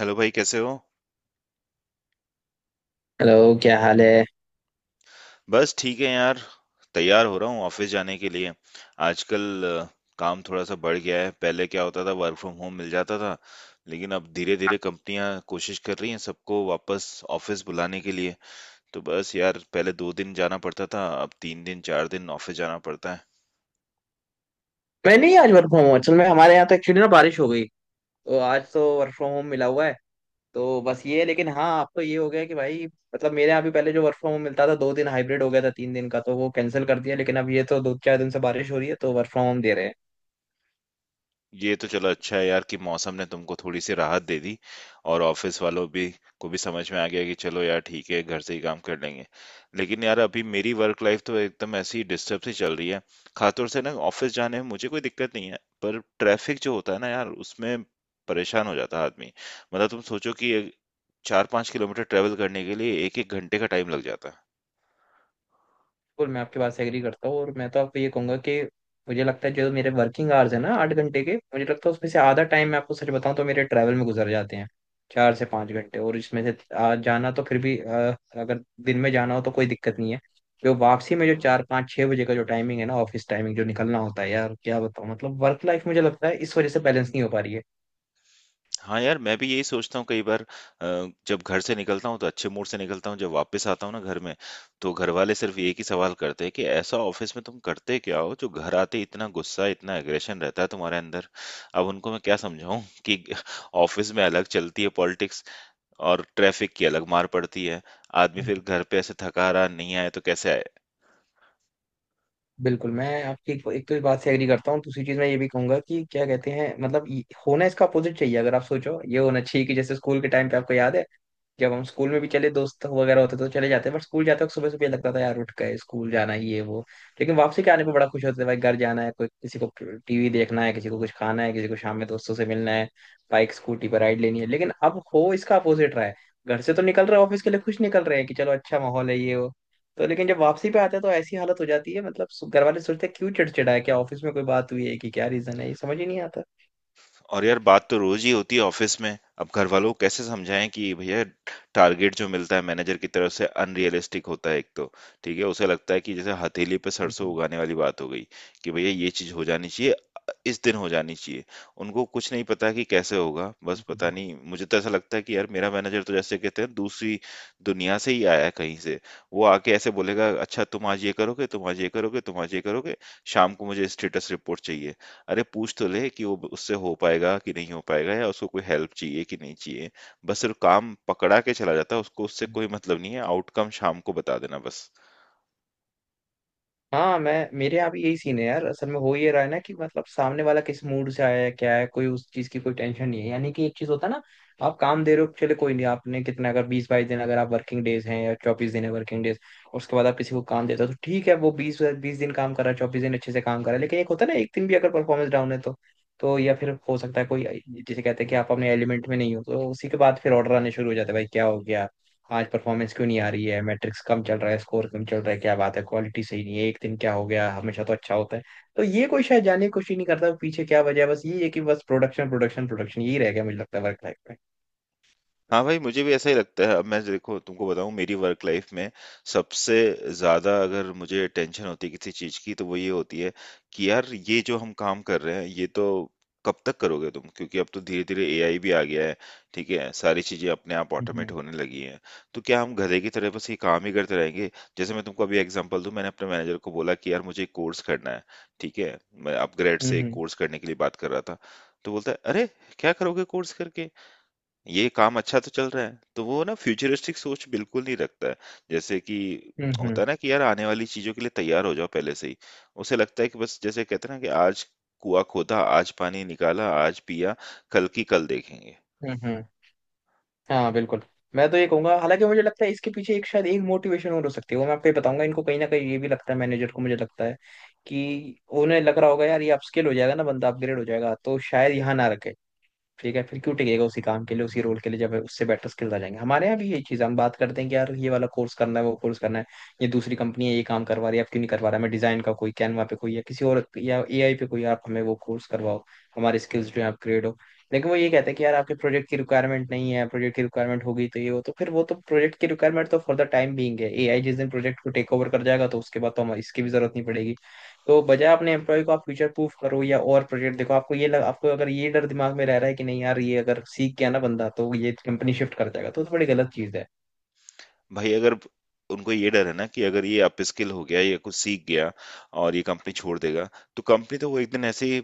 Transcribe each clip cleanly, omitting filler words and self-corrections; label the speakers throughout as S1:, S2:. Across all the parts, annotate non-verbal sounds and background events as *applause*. S1: Hello भाई कैसे हो?
S2: हेलो। क्या हाल है?
S1: बस ठीक है यार। तैयार हो रहा हूँ ऑफिस जाने के लिए। आजकल काम थोड़ा सा बढ़ गया है। पहले क्या होता था, वर्क फ्रॉम होम मिल जाता था, लेकिन अब धीरे धीरे कंपनियां कोशिश कर रही हैं सबको वापस ऑफिस बुलाने के लिए। तो बस यार पहले 2 दिन जाना पड़ता था, अब 3 दिन 4 दिन ऑफिस जाना पड़ता है।
S2: मैं नहीं, आज वर्क फ्रॉम होम। असल में हमारे यहाँ तो एक्चुअली ना बारिश हो गई, तो आज तो वर्क फ्रॉम होम मिला हुआ है। तो बस ये है। लेकिन हाँ, अब तो ये हो गया कि भाई, मतलब मेरे यहाँ भी पहले जो वर्क फ्रॉम होम मिलता था दो दिन, हाइब्रिड हो गया था, तीन दिन का तो वो कैंसिल कर दिया। लेकिन अब ये तो दो चार दिन से बारिश हो रही है, तो वर्क फ्रॉम होम दे रहे हैं।
S1: ये तो चलो अच्छा है यार कि मौसम ने तुमको थोड़ी सी राहत दे दी, और ऑफिस वालों भी को भी समझ में आ गया कि चलो यार ठीक है, घर से ही काम कर लेंगे। लेकिन यार अभी मेरी वर्क लाइफ तो एकदम ऐसी डिस्टर्ब सी चल रही है। खासतौर से ना, ऑफिस जाने में मुझे कोई दिक्कत नहीं है, पर ट्रैफिक जो होता है ना यार, उसमें परेशान हो जाता है आदमी। मतलब तुम सोचो कि 4-5 किलोमीटर ट्रेवल करने के लिए एक एक घंटे का टाइम लग जाता है।
S2: बिल्कुल, मैं आपके बात से एग्री करता हूँ। और मैं तो आपको ये कहूंगा कि मुझे लगता है जो मेरे वर्किंग आवर्स है ना 8 घंटे के, मुझे लगता है उसमें से आधा टाइम मैं आपको सच बताऊं तो मेरे ट्रैवल में गुजर जाते हैं, 4 से 5 घंटे। और इसमें से जाना तो फिर भी अगर दिन में जाना हो तो कोई दिक्कत नहीं है। जो वापसी में जो चार पाँच छः बजे का जो टाइमिंग है ना, ऑफिस टाइमिंग जो निकलना होता है, यार क्या बताऊँ। मतलब वर्क लाइफ मुझे लगता है इस वजह से बैलेंस नहीं हो पा रही
S1: हाँ यार, मैं भी यही सोचता हूँ कई बार। जब घर से निकलता हूँ तो अच्छे मूड से निकलता हूँ, जब वापस आता हूँ ना घर में, तो घर वाले सिर्फ एक ही सवाल करते हैं कि ऐसा ऑफिस में तुम करते क्या हो जो घर आते इतना गुस्सा, इतना एग्रेशन रहता है तुम्हारे अंदर। अब उनको मैं क्या समझाऊँ *laughs* कि ऑफिस में अलग चलती है पॉलिटिक्स, और ट्रैफिक की अलग मार पड़ती है। आदमी
S2: है।
S1: फिर घर पे ऐसे थका रहा, नहीं आया तो कैसे आए?
S2: बिल्कुल, मैं आपकी एक तो इस बात से एग्री करता हूँ। दूसरी चीज मैं ये भी कहूंगा कि क्या कहते हैं, मतलब होना इसका अपोजिट चाहिए। अगर आप सोचो ये होना चाहिए कि जैसे स्कूल के टाइम पे आपको याद है, जब हम स्कूल में भी चले दोस्त वगैरह होते तो चले जाते, बट स्कूल जाते वक्त सुबह सुबह ये लगता था, यार उठ गए स्कूल जाना ही है वो। लेकिन वापसी के आने पे बड़ा खुश होते थे भाई, घर जाना है, कोई किसी को टीवी देखना है, किसी को कुछ खाना है, किसी को शाम में दोस्तों से मिलना है, बाइक स्कूटी पर राइड लेनी है। लेकिन अब हो इसका अपोजिट रहा है। घर से तो निकल रहे हैं ऑफिस के लिए, खुश निकल रहे हैं कि चलो अच्छा माहौल है, ये वो। तो लेकिन जब वापसी पे आता है तो ऐसी हालत हो जाती है, मतलब घर वाले सोचते हैं क्यों चिड़चिड़ा है, क्या ऑफिस में कोई बात हुई है, कि क्या रीजन है, ये समझ ही नहीं आता।
S1: और यार बात तो रोज ही होती है ऑफिस में। अब घर वालों को कैसे समझाएं कि भैया, टारगेट जो मिलता है मैनेजर की तरफ से अनरियलिस्टिक होता है एक तो। ठीक है, उसे लगता है कि जैसे हथेली पे सरसों
S2: हम्म।
S1: उगाने वाली बात हो गई, कि भैया ये चीज हो जानी चाहिए, इस दिन हो जानी चाहिए। उनको कुछ नहीं पता कि कैसे होगा। बस
S2: बिल्कुल
S1: पता
S2: बिल्कुल।
S1: नहीं, मुझे तो ऐसा लगता है कि यार मेरा मैनेजर तो जैसे कहते हैं दूसरी दुनिया से ही आया है कहीं से। वो आके ऐसे बोलेगा, अच्छा तुम आज ये करोगे, तुम आज ये करोगे, तुम आज ये करोगे, शाम को मुझे स्टेटस रिपोर्ट चाहिए। अरे पूछ तो ले कि वो उससे हो पाएगा कि नहीं हो पाएगा, या उसको कोई हेल्प चाहिए कि नहीं चाहिए। बस सिर्फ काम पकड़ा के चला जाता है, उसको उससे कोई मतलब नहीं है। आउटकम शाम को बता देना बस।
S2: हाँ, मैं मेरे यहाँ भी यही सीन है यार। असल में हो ये रहा है ना कि मतलब सामने वाला किस मूड से आया है, क्या है, कोई उस चीज की कोई टेंशन नहीं है। यानी कि एक चीज होता है ना, आप काम दे रहे हो, चले कोई नहीं। आपने कितना अगर 20, 22 दिन अगर आप वर्किंग डेज हैं, या 24 दिन है वर्किंग डेज, उसके बाद आप किसी को काम देते हो तो ठीक है, वो 20, 20 दिन काम कर रहा है, 24 दिन अच्छे से काम कर रहा है। लेकिन एक होता है ना, एक दिन भी अगर परफॉर्मेंस डाउन है, तो या फिर हो सकता है कोई, जिसे कहते हैं कि आप अपने एलिमेंट में नहीं हो, तो उसी के बाद फिर ऑर्डर आने शुरू हो जाते हैं, भाई क्या हो गया, आज परफॉर्मेंस क्यों नहीं आ रही है, मैट्रिक्स कम चल रहा है, स्कोर कम चल रहा है, क्या बात है, क्वालिटी सही नहीं है, एक दिन क्या हो गया, हमेशा तो अच्छा होता है। तो ये कोई शायद जानने की कोशिश नहीं करता पीछे क्या वजह है, बस ये है कि बस प्रोडक्शन प्रोडक्शन प्रोडक्शन यही रह गया मुझे लगता है वर्क लाइफ में।
S1: हाँ भाई, मुझे भी ऐसा ही लगता है। अब मैं देखो तुमको बताऊँ, मेरी वर्क लाइफ में सबसे ज़्यादा अगर मुझे टेंशन होती है किसी चीज़ की तो वो ये होती है कि यार ये जो हम काम कर रहे हैं ये तो कब तक करोगे तुम, क्योंकि अब तो धीरे धीरे एआई भी आ गया है। ठीक है, सारी चीज़ें अपने आप ऑटोमेट
S2: हम्म
S1: होने लगी हैं। तो क्या हम गधे की तरह बस ये काम ही करते रहेंगे? जैसे मैं तुमको अभी एग्जांपल दूं, मैंने अपने मैनेजर को बोला कि यार मुझे एक कोर्स करना है। ठीक है, मैं अपग्रेड से एक
S2: हम्म।
S1: कोर्स करने के लिए बात कर रहा था। तो बोलता है, अरे क्या करोगे कोर्स करके, ये काम अच्छा तो चल रहा है। तो वो ना फ्यूचरिस्टिक सोच बिल्कुल नहीं रखता है। जैसे कि
S2: हम्म
S1: होता है ना कि यार आने वाली चीज़ों के लिए तैयार हो जाओ पहले से ही। उसे लगता है कि बस जैसे कहते हैं ना कि आज कुआँ खोदा, आज पानी निकाला, आज पिया, कल की कल देखेंगे।
S2: हम्म। हम्म। हाँ बिल्कुल। मैं तो ये कहूंगा हालांकि मुझे लगता है इसके पीछे एक शायद एक मोटिवेशन और हो सकती है, वो मैं आपको ये बताऊंगा। इनको कहीं ना कहीं ये भी लगता है मैनेजर को, मुझे लगता है कि उन्हें लग रहा होगा यार ये अपस्किल हो जाएगा ना बंदा, अपग्रेड हो जाएगा, तो शायद यहाँ ना रखे। ठीक है फिर क्यों टिकेगा उसी काम के लिए, उसी रोल के लिए, जब उससे बेटर स्किल्स आ जाएंगे। हमारे यहाँ भी यही चीज़ है, हम बात करते हैं कि यार ये वाला कोर्स करना है, वो कोर्स करना है। ये दूसरी कंपनी है, ये काम करवा रही है, आप क्यों नहीं करवा रहा है। हमें डिजाइन का कोई कैनवा पे कोई, या किसी और, या एआई पे कोई, आप हमें वो कोर्स करवाओ, हमारे स्किल्स जो है अपग्रेड हो। लेकिन वो ये कहते हैं कि यार आपके प्रोजेक्ट की रिक्वायरमेंट नहीं है, प्रोजेक्ट की रिक्वायरमेंट होगी तो ये हो, तो फिर वो तो प्रोजेक्ट की रिक्वायरमेंट तो फॉर द टाइम बीइंग है। एआई जिस दिन प्रोजेक्ट को टेक ओवर कर जाएगा तो उसके बाद तो हमें इसकी भी जरूरत नहीं पड़ेगी। तो बजाय अपने एम्प्लॉय को आप फ्यूचर प्रूफ करो या और प्रोजेक्ट देखो, आपको अगर ये डर दिमाग में रह रहा है कि नहीं यार ये अगर सीख गया ना बंदा तो ये कंपनी शिफ्ट कर जाएगा, तो बड़ी गलत चीज है।
S1: भाई अगर उनको ये डर है ना कि अगर ये अपस्किल हो गया या कुछ सीख गया और ये कंपनी छोड़ देगा, तो कंपनी तो वो एक दिन ऐसे ही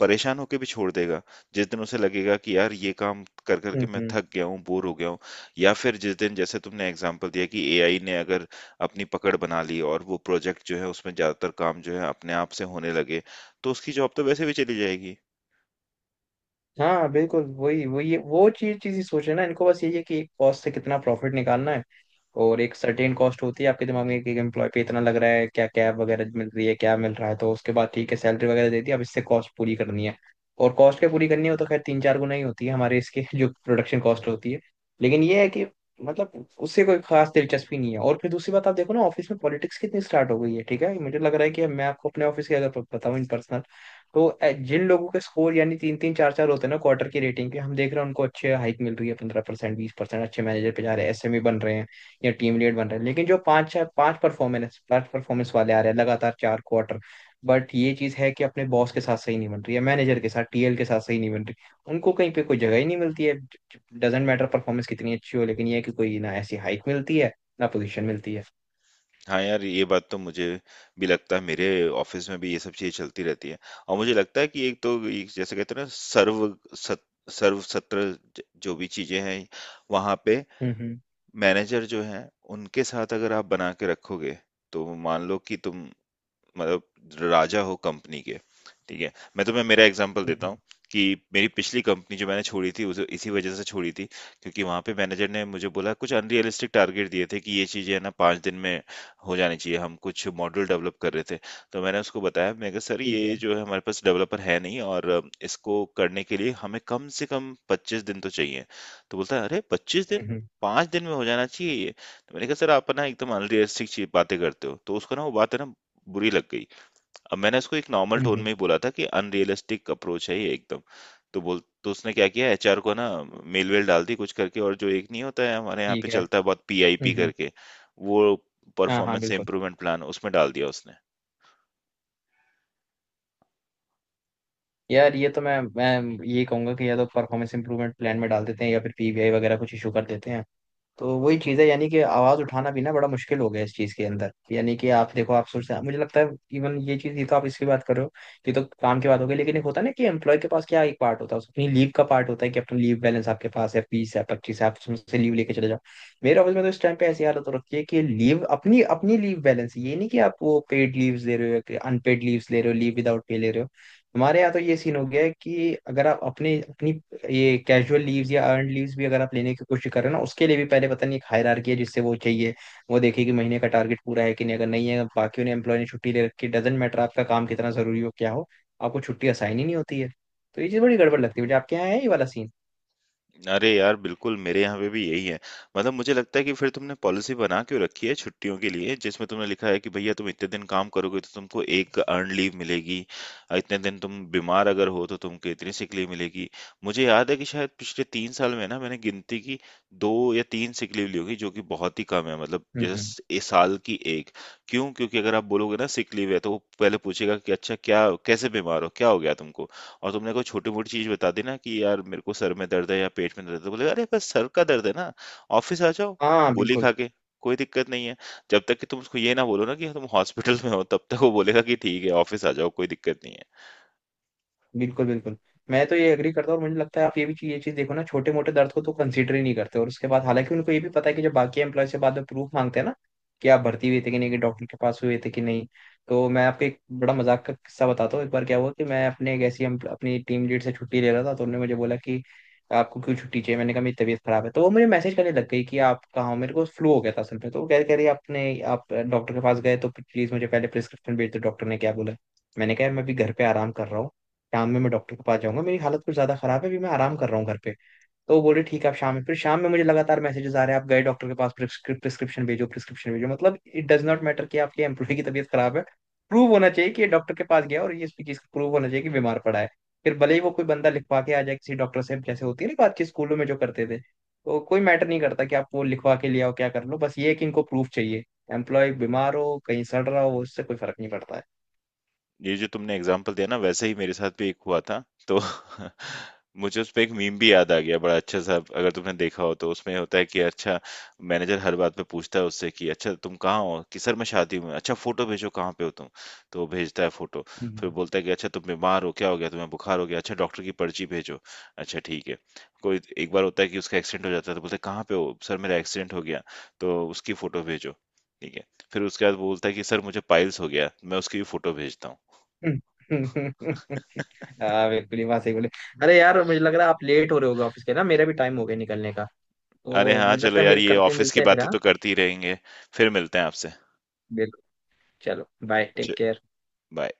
S1: परेशान होके भी छोड़ देगा, जिस दिन उसे लगेगा कि यार ये काम कर करके मैं
S2: हम्म।
S1: थक गया हूँ, बोर हो गया हूँ। या फिर जिस दिन जैसे तुमने एग्जांपल दिया कि एआई ने अगर अपनी पकड़ बना ली और वो प्रोजेक्ट जो है उसमें ज्यादातर काम जो है अपने आप से होने लगे, तो उसकी जॉब तो वैसे भी चली जाएगी।
S2: हाँ बिल्कुल। वही वही वो चीज चीज ही सोचे ना, इनको बस यही है कि एक कॉस्ट से कितना प्रॉफिट निकालना है। और एक सर्टेन कॉस्ट होती है आपके दिमाग में कि एक एम्प्लॉय पे इतना लग रहा है, क्या कैब वगैरह मिल रही है, क्या मिल रहा है। तो उसके बाद ठीक है, सैलरी वगैरह दे दी, अब इससे कॉस्ट पूरी करनी है। और कॉस्ट क्या पूरी करनी हो तो खैर तीन चार गुना ही होती है हमारे इसके *laughs* जो प्रोडक्शन कॉस्ट होती है। लेकिन ये है कि मतलब उससे कोई खास दिलचस्पी नहीं है। और फिर दूसरी बात आप देखो ना, ऑफिस में पॉलिटिक्स कितनी स्टार्ट हो गई है। ठीक है, मुझे लग रहा है कि मैं आपको अपने ऑफिस की अगर बताऊं इन पर्सनल, तो जिन लोगों के स्कोर यानी तीन तीन चार चार होते हैं ना क्वार्टर की रेटिंग के, हम देख रहे हैं उनको अच्छे हाइक मिल रही है, 15% 20%। अच्छे मैनेजर पे जा रहे हैं, एसएमई बन रहे हैं या टीम लीड बन रहे हैं। लेकिन जो पांच चार पांच परफॉर्मेंस वाले आ रहे हैं लगातार चार क्वार्टर, बट ये चीज है कि अपने बॉस के साथ सही नहीं बन रही है, मैनेजर के साथ टीएल के साथ सही नहीं बन रही, उनको कहीं पे कोई जगह ही नहीं मिलती है। डजेंट मैटर परफॉर्मेंस कितनी अच्छी हो, लेकिन ये है कि कोई ना ऐसी हाइक मिलती है ना पोजीशन मिलती है।
S1: हाँ यार, ये बात तो मुझे भी लगता है, मेरे ऑफिस में भी ये सब चीज़ें चलती रहती है। और मुझे लगता है कि एक तो ये जैसे कहते हैं ना, सर्व सत सर्व सत्र ज जो भी चीज़ें हैं, वहाँ पे
S2: हम्म।
S1: मैनेजर जो हैं, उनके साथ अगर आप बना के रखोगे, तो मान लो कि तुम मतलब राजा हो कंपनी के। ठीक है, मैं तुम्हें मेरा एग्जांपल
S2: हम्म
S1: देता
S2: हम्म,
S1: हूँ, कि मेरी पिछली कंपनी जो मैंने छोड़ी थी उसे इसी वजह से छोड़ी थी, क्योंकि वहां पे मैनेजर ने मुझे बोला, कुछ अनरियलिस्टिक टारगेट दिए थे कि ये चीजें है ना 5 दिन में हो जानी चाहिए। हम कुछ मॉडल डेवलप कर रहे थे। तो मैंने उसको बताया, मैं कहा सर
S2: ठीक है।
S1: ये जो है हमारे पास डेवलपर है नहीं, और इसको करने के लिए हमें कम से कम 25 दिन तो चाहिए। तो बोलता है, अरे पच्चीस
S2: हम्म
S1: दिन
S2: हम्म
S1: 5 दिन में हो जाना चाहिए ये। तो मैंने कहा, सर आप ना एकदम अनरियलिस्टिक बातें करते हो। तो उसको ना वो बात है ना, बुरी लग गई। अब मैंने उसको एक नॉर्मल
S2: हम्म,
S1: टोन में
S2: हम्म,
S1: ही बोला था कि अनरियलिस्टिक अप्रोच है ये एकदम। तो बोल, तो उसने क्या किया, एचआर को ना मेल-वेल डाल दी कुछ करके, और जो एक नहीं होता है हमारे यहाँ पे
S2: ठीक है।
S1: चलता है बहुत, पीआईपी
S2: हम्म।
S1: करके, वो
S2: हाँ हाँ
S1: परफॉर्मेंस
S2: बिल्कुल।
S1: इंप्रूवमेंट प्लान उसमें डाल दिया उसने।
S2: यार ये तो मैं ये कहूंगा कि या तो परफॉर्मेंस इंप्रूवमेंट प्लान में डाल देते हैं, या फिर पीबीआई वगैरह कुछ इशू कर देते हैं। तो वही चीज़ है, यानी कि आवाज उठाना भी ना बड़ा मुश्किल हो गया इस चीज के अंदर। यानी कि आप देखो आप सोचते हैं मुझे लगता है, इवन ये चीज, ये तो आप इसकी बात कर रहे हो, ये तो काम की बात हो गई। लेकिन एक होता है ना कि एम्प्लॉय के पास क्या, एक पार्ट होता है अपनी लीव का, पार्ट होता है कि अपना लीव बैलेंस आपके पास है, बीस है पच्चीस है, आप उसमें से लीव लेके चले जाओ। मेरे ऑफिस में तो इस टाइम पे ऐसी हालत हो रखी है कि लीव, अपनी अपनी लीव बैलेंस, ये नहीं कि आप वो पेड लीव्स ले रहे हो, अनपेड लीव्स ले रहे हो, लीव विदाउट पे ले रहे हो। हमारे यहाँ तो ये सीन हो गया है कि अगर आप अपने अपनी ये कैजुअल लीव्स या अर्न लीव्स भी अगर आप लेने की कोशिश कर रहे हो ना, उसके लिए भी पहले पता नहीं एक हायरार्की है जिससे वो चाहिए, वो देखे कि महीने का टारगेट पूरा है कि नहीं। अगर नहीं है बाकियों ने एम्प्लॉय ने छुट्टी ले रखी, डजेंट मैटर आपका काम कितना जरूरी हो क्या हो, आपको छुट्टी असाइन ही नहीं होती है। तो ये चीज़ बड़ी गड़बड़ लगती है मुझे। आपके यहाँ है ये वाला सीन?
S1: अरे यार बिल्कुल, मेरे यहाँ पे भी यही है। मतलब मुझे लगता है कि फिर तुमने पॉलिसी बना क्यों रखी है छुट्टियों के लिए, जिसमें तुमने लिखा है कि भैया तुम इतने दिन काम करोगे तो तुमको एक अर्न लीव मिलेगी, और इतने दिन तुम बीमार अगर हो तो तुमको इतनी सिक लीव मिलेगी। मुझे याद है कि शायद पिछले 3 साल में ना, मैंने गिनती की, 2 या 3 सिक लीव ली होगी, जो कि बहुत ही कम है। मतलब जैसे
S2: हम्म।
S1: ए साल की एक। क्यों? क्योंकि अगर आप बोलोगे ना सिक लीव है, तो वो पहले पूछेगा कि अच्छा क्या, कैसे बीमार हो, क्या हो गया तुमको। और तुमने कोई छोटी मोटी चीज बता दी ना कि यार मेरे को सर में दर्द है या पेट में दर्द है, तो बोले, अरे बस सर का दर्द है ना, ऑफिस आ जाओ
S2: हाँ
S1: गोली
S2: बिल्कुल
S1: खा के, कोई दिक्कत नहीं है। जब तक कि तुम उसको ये ना बोलो ना कि तुम हॉस्पिटल में हो, तब तक वो बोलेगा कि ठीक है ऑफिस आ जाओ, कोई दिक्कत नहीं है।
S2: बिल्कुल बिल्कुल। मैं तो ये एग्री करता हूँ। और मुझे लगता है आप ये भी चीज देखो ना, छोटे मोटे दर्द को तो कंसीडर ही नहीं करते। और उसके बाद हालांकि उनको ये भी पता है कि जब बाकी एम्प्लॉय से बाद में प्रूफ मांगते हैं ना, कि आप भर्ती हुए थे कि नहीं, कि डॉक्टर के पास हुए थे कि नहीं। तो मैं आपको एक बड़ा मजाक का किस्सा बताता हूँ। एक बार क्या हुआ कि मैं अपने एक ऐसी अपनी टीम लीड से छुट्टी ले रहा था, तो उन्होंने मुझे बोला कि आपको क्यों छुट्टी चाहिए, मैंने कहा मेरी तबीयत खराब है। तो वो मुझे मैसेज करने लग गई कि आप कहाँ हो, मेरे को फ्लू हो गया था असल में, तो वो कह कह रही आपने, आप डॉक्टर के पास गए तो प्लीज मुझे पहले प्रिस्क्रिप्शन भेज दो, डॉक्टर ने क्या बोला। मैंने कहा मैं अभी घर पे आराम कर रहा हूँ, शाम में मैं डॉक्टर के पास जाऊंगा, मेरी हालत कुछ ज्यादा खराब है, अभी मैं आराम कर रहा हूँ घर पे। तो वो बोले ठीक है आप शाम में, फिर शाम में मुझे लगातार मैसेजेस आ रहे हैं, आप गए डॉक्टर के पास, प्रिस्क्रिप्शन भेजो प्रिस्क्रिप्शन भेजो। मतलब इट डज नॉट मैटर कि आपके एम्प्लॉय की तबीयत खराब है। प्रूव होना चाहिए कि ये डॉक्टर के पास गया, और ये इसकी चीज प्रूव होना चाहिए कि बीमार पड़ा है। फिर भले ही वो कोई बंदा लिखवा के आ जाए किसी डॉक्टर से, जैसे होती है ना बातचीत स्कूलों में जो करते थे, तो कोई मैटर नहीं करता कि आप वो लिखवा के ले आओ क्या कर लो, बस ये है कि इनको प्रूफ चाहिए। एम्प्लॉय बीमार हो कहीं सड़ रहा हो उससे कोई फर्क नहीं पड़ता है।
S1: ये जो तुमने एग्जाम्पल दिया ना, वैसे ही मेरे साथ भी एक हुआ था तो *laughs* मुझे उस पे एक मीम भी याद आ गया बड़ा अच्छा सा। अगर तुमने देखा हो तो, उसमें होता है कि अच्छा मैनेजर हर बात पे पूछता है उससे कि अच्छा तुम कहाँ हो, कि सर मैं शादी में। अच्छा फोटो भेजो, कहाँ पे हो तुम। तो वो भेजता है फोटो। फिर
S2: हम्म।
S1: बोलता है कि अच्छा तुम बीमार हो, क्या हो गया, तुम्हें बुखार हो गया, अच्छा डॉक्टर की पर्ची भेजो। अच्छा ठीक है। कोई एक बार होता है कि उसका एक्सीडेंट हो जाता है, तो बोलता है कहाँ पे हो, सर मेरा एक्सीडेंट हो गया, तो उसकी फोटो भेजो। ठीक है। फिर उसके बाद बोलता है कि सर मुझे पाइल्स हो गया, मैं उसकी भी फोटो भेजता हूँ।
S2: *laughs* हाँ बिल्कुल, ये बात सही बोले। अरे यार मुझे लग रहा है आप लेट हो रहे होगे ऑफिस के ना, मेरा भी टाइम हो गया निकलने का,
S1: अरे
S2: तो
S1: हाँ,
S2: मुझे
S1: चलो
S2: लगता है
S1: यार ये ऑफिस की
S2: मिलते हैं फिर
S1: बातें
S2: हाँ।
S1: तो करते ही रहेंगे। फिर मिलते हैं आपसे।
S2: बिल्कुल। चलो, बाय,
S1: च
S2: टेक केयर।
S1: बाय।